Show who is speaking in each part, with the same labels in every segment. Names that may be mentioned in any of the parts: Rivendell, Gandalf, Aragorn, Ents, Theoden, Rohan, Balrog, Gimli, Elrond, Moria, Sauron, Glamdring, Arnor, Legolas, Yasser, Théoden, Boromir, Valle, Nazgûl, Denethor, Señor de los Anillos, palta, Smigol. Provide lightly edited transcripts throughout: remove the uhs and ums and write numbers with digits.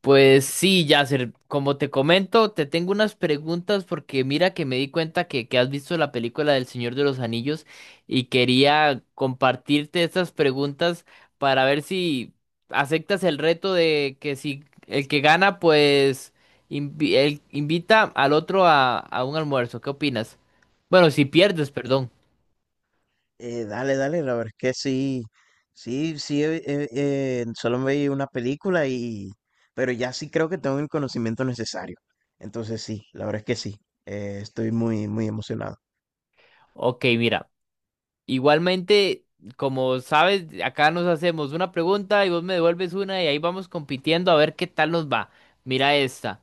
Speaker 1: Pues sí, Yasser, como te comento, te tengo unas preguntas porque mira que me di cuenta que has visto la película del Señor de los Anillos y quería compartirte estas preguntas para ver si aceptas el reto de que si el que gana, pues invita al otro a un almuerzo. ¿Qué opinas? Bueno, si pierdes, perdón.
Speaker 2: Dale, dale, la verdad es que sí, sí, solo me vi una película pero ya sí creo que tengo el conocimiento necesario. Entonces sí, la verdad es que sí, estoy muy, muy emocionado.
Speaker 1: Ok, mira. Igualmente, como sabes, acá nos hacemos una pregunta y vos me devuelves una y ahí vamos compitiendo a ver qué tal nos va. Mira esta.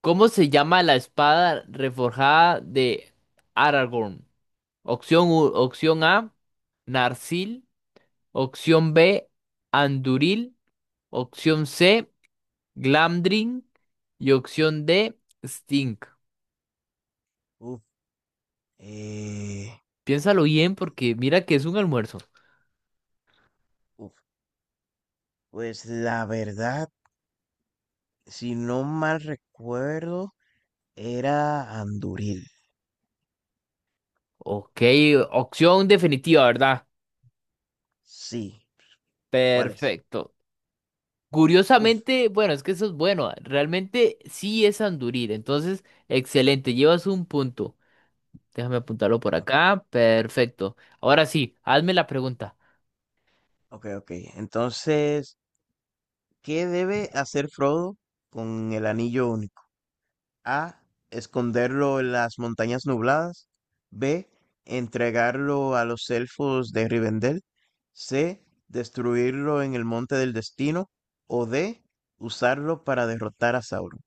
Speaker 1: ¿Cómo se llama la espada reforjada de Aragorn? Opción A, Narsil. Opción B, Anduril. Opción C, Glamdring. Y opción D, Stink.
Speaker 2: Uf, eh,
Speaker 1: Piénsalo bien porque mira que es un almuerzo.
Speaker 2: uf, pues la verdad, si no mal recuerdo, era Anduril.
Speaker 1: Ok, opción definitiva, ¿verdad?
Speaker 2: Sí, ¿cuál es?
Speaker 1: Perfecto.
Speaker 2: Uf,
Speaker 1: Curiosamente, bueno, es que eso es bueno. Realmente sí es Anduril. Entonces, excelente. Llevas un punto. Déjame apuntarlo por
Speaker 2: o-
Speaker 1: acá. Perfecto. Ahora sí, hazme la pregunta.
Speaker 2: ok, ok. Entonces, ¿qué debe hacer Frodo con el anillo único? A, esconderlo en las montañas nubladas. B, entregarlo a los elfos de Rivendell. C, destruirlo en el Monte del Destino. O D, usarlo para derrotar a Sauron.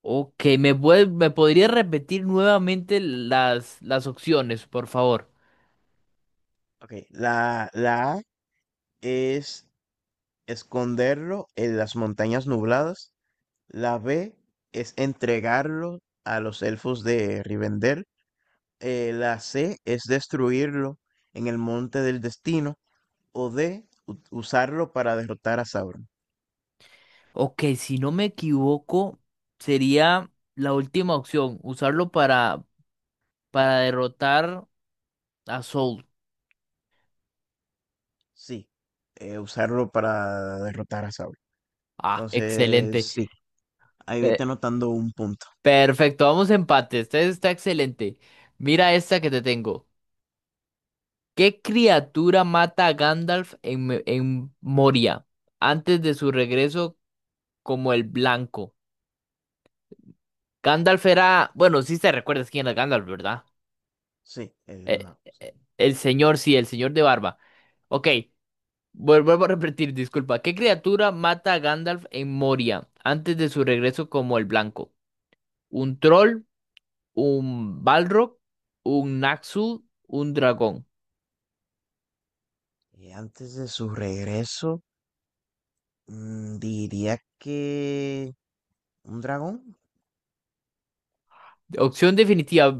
Speaker 1: Ok, me podrías repetir nuevamente las opciones, por favor?
Speaker 2: Ok, la A es esconderlo en las montañas nubladas. La B es entregarlo a los elfos de Rivendell. La C es destruirlo en el Monte del Destino. O D, usarlo para derrotar a Sauron.
Speaker 1: Ok, si no me equivoco, sería la última opción. Usarlo para derrotar a Soul.
Speaker 2: Sí, usarlo para derrotar a Sauron.
Speaker 1: Ah,
Speaker 2: Entonces,
Speaker 1: excelente.
Speaker 2: sí, ahí vete anotando un punto.
Speaker 1: Perfecto, vamos a empate. Este está excelente. Mira esta que te tengo. ¿Qué criatura mata a Gandalf en Moria antes de su regreso como el blanco? Gandalf era, bueno, sí te recuerdas quién era Gandalf, ¿verdad?
Speaker 2: Sí, el
Speaker 1: Eh,
Speaker 2: mago. Sí.
Speaker 1: el señor, sí, el señor de barba. Ok, vuelvo a repetir, disculpa. ¿Qué criatura mata a Gandalf en Moria antes de su regreso como el blanco? ¿Un troll? ¿Un Balrog? ¿Un Naxu? ¿Un dragón?
Speaker 2: Y antes de su regreso, mm, diría que un dragón.
Speaker 1: Opción definitiva.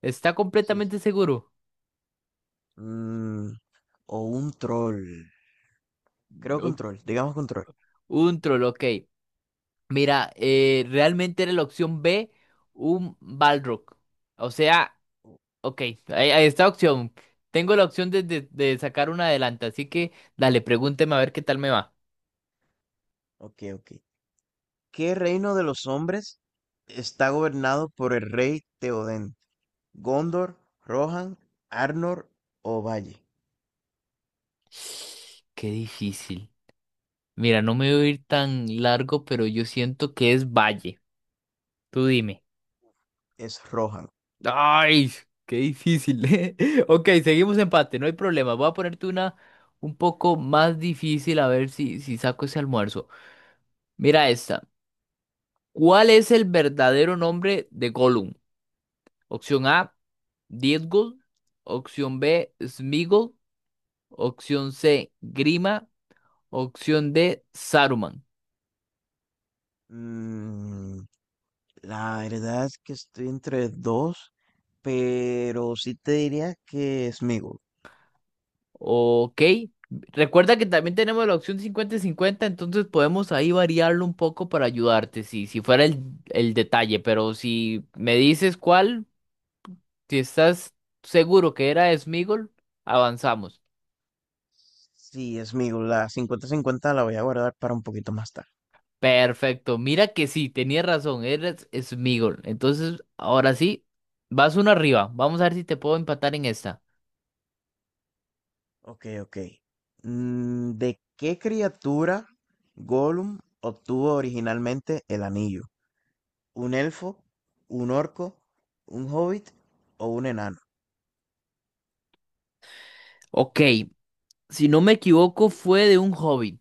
Speaker 1: Está
Speaker 2: Sí.
Speaker 1: completamente seguro.
Speaker 2: Mm, o un troll. Creo que
Speaker 1: No,
Speaker 2: un troll, digamos que un troll.
Speaker 1: un troll, ok. Mira, realmente era la opción B, un Balrog. O sea, ok, ahí está opción. Tengo la opción de sacar una adelante, así que dale, pregúnteme a ver qué tal me va.
Speaker 2: Ok, ok. ¿Qué reino de los hombres está gobernado por el rey Teoden? Gondor, Rohan, Arnor o Valle.
Speaker 1: Qué difícil. Mira, no me voy a ir tan largo, pero yo siento que es Valle. Tú dime.
Speaker 2: Es Rohan.
Speaker 1: Ay, qué difícil, ¿eh? Ok, seguimos empate, no hay problema. Voy a ponerte una un poco más difícil a ver si saco ese almuerzo. Mira esta. ¿Cuál es el verdadero nombre de Gollum? Opción A, Diezgul. Opción B, Smigol. Opción C, Grima. Opción D, Saruman.
Speaker 2: Mm, la verdad es que estoy entre dos, pero sí te diría que Sméagol.
Speaker 1: Ok. Recuerda que también tenemos la opción 50-50, entonces podemos ahí variarlo un poco para ayudarte, si, si fuera el detalle, pero si me dices cuál, si estás seguro que era Smigol, avanzamos.
Speaker 2: Sí, Sméagol, la cincuenta-cincuenta la voy a guardar para un poquito más tarde.
Speaker 1: Perfecto, mira que sí, tenía razón, era Smigol. Entonces, ahora sí, vas uno arriba, vamos a ver si te puedo empatar en esta.
Speaker 2: Ok, ok. Mm, ¿de qué criatura Gollum obtuvo originalmente el anillo? ¿Un elfo, un orco, un hobbit o un enano?
Speaker 1: Ok, si no me equivoco, fue de un hobby.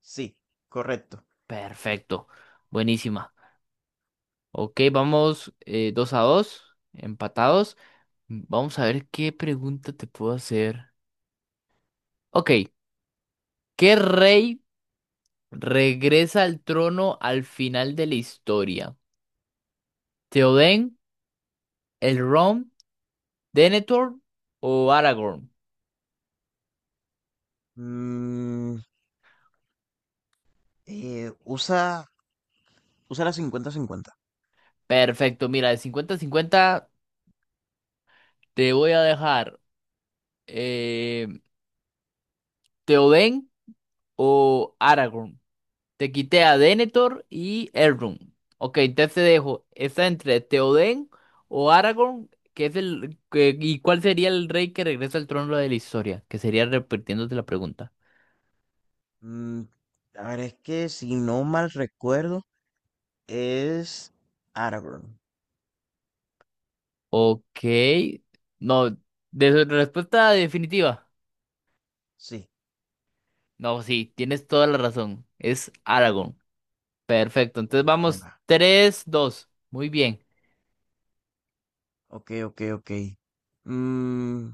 Speaker 2: Sí, correcto.
Speaker 1: Perfecto, buenísima. Ok, vamos 2-2, empatados. Vamos a ver qué pregunta te puedo hacer. Ok, ¿qué rey regresa al trono al final de la historia? ¿Theoden, Elrond, Denethor o Aragorn?
Speaker 2: Mm, usa, usa la cincuenta-cincuenta.
Speaker 1: Perfecto, mira, de 50 cincuenta te voy a dejar eh, Theoden o Aragorn. Te quité a Denethor y Elrond. Ok, entonces te dejo. Está entre Theoden o Aragorn. Que es el que- ¿Y cuál sería el rey que regresa al trono de la historia? Que sería repitiéndote la pregunta.
Speaker 2: Mm, a ver, es que si no mal recuerdo, es Aragorn.
Speaker 1: Ok. No, de respuesta definitiva.
Speaker 2: Sí,
Speaker 1: No, sí, tienes toda la razón. Es Aragorn. Perfecto. Entonces
Speaker 2: buena,
Speaker 1: vamos
Speaker 2: buena.
Speaker 1: 3-2. Muy bien.
Speaker 2: Ok, ok, ok. Mm,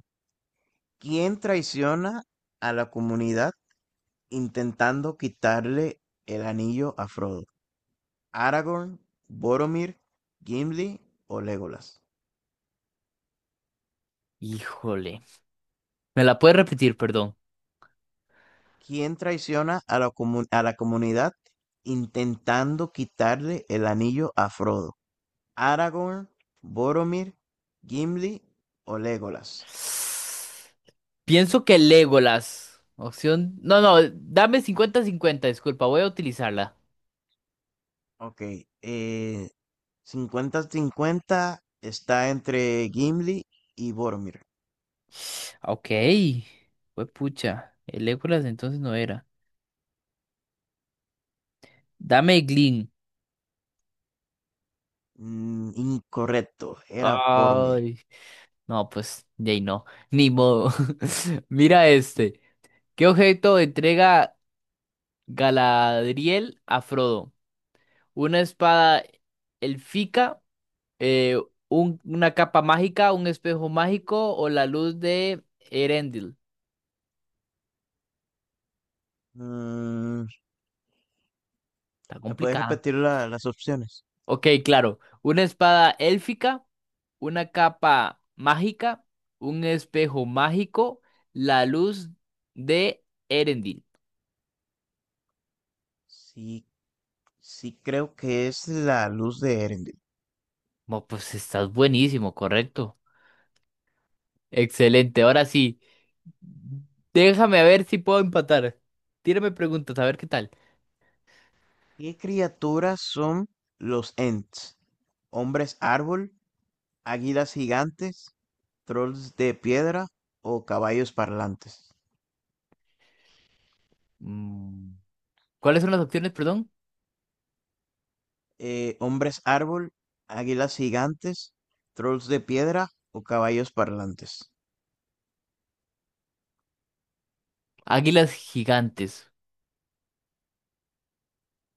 Speaker 2: ¿quién traiciona a la comunidad intentando quitarle el anillo a Frodo? ¿Aragorn, Boromir, Gimli o Legolas?
Speaker 1: Híjole. ¿Me la puedes repetir, perdón?
Speaker 2: Quién traiciona a a la comunidad intentando quitarle el anillo a Frodo. Aragorn, Boromir, Gimli o Legolas.
Speaker 1: Pienso que Legolas. Opción. No, no, dame cincuenta cincuenta disculpa, voy a utilizarla.
Speaker 2: Ok, eh, cincuenta 50 está entre Gimli y Boromir.
Speaker 1: Ah, ok. Fue pucha. El Legolas entonces no era. Dame Glin.
Speaker 2: Mm, incorrecto, era Boromir.
Speaker 1: Ay. No, pues, de ahí no. Ni modo. Mira este. ¿Qué objeto entrega Galadriel a Frodo? Una espada elfica, eh, una capa mágica, un espejo mágico o la luz de Erendil.
Speaker 2: Mm,
Speaker 1: Está
Speaker 2: ¿me puedes
Speaker 1: complicado.
Speaker 2: repetir las opciones?
Speaker 1: Ok, claro. Una espada élfica, una capa mágica, un espejo mágico, la luz de Erendil.
Speaker 2: Sí, sí creo que es la luz de Erendil.
Speaker 1: Mo, pues estás buenísimo, correcto. Excelente, ahora sí. Déjame ver si puedo empatar. Tírame preguntas, a ver qué tal.
Speaker 2: ¿Qué criaturas son los Ents? ¿Hombres árbol, águilas gigantes, trolls de piedra o caballos parlantes?
Speaker 1: Mm, ¿Cuáles son las opciones, perdón?
Speaker 2: ¿Hombres árbol, águilas gigantes, trolls de piedra o caballos parlantes?
Speaker 1: Águilas gigantes.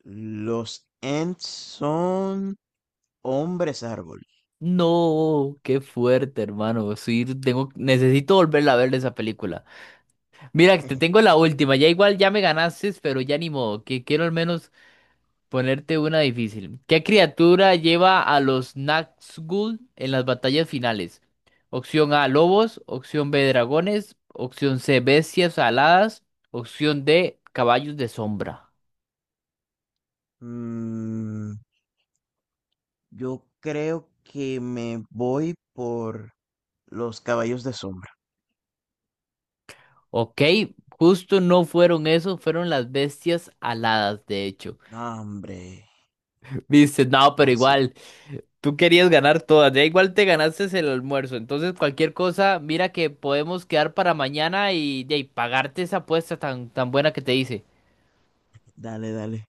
Speaker 2: Los Ents son hombres árbol.
Speaker 1: No, qué fuerte, hermano. Sí, tengo, necesito volverla a ver esa película. Mira, te tengo la última. Ya igual ya me ganaste, pero ya ni modo, que quiero al menos ponerte una difícil. ¿Qué criatura lleva a los Nazgûl en las batallas finales? Opción A, lobos. Opción B, dragones. Opción C, bestias aladas. Opción D, caballos de sombra.
Speaker 2: Mm, yo creo que me voy por los caballos de sombra.
Speaker 1: Ok, justo no fueron eso, fueron las bestias aladas, de hecho.
Speaker 2: No, hombre,
Speaker 1: Viste, no, pero
Speaker 2: casi.
Speaker 1: igual. Tú querías ganar todas, ya igual te ganaste el almuerzo, entonces cualquier cosa, mira que podemos quedar para mañana y, ya, y pagarte esa apuesta tan, tan buena que te hice.
Speaker 2: Dale, dale.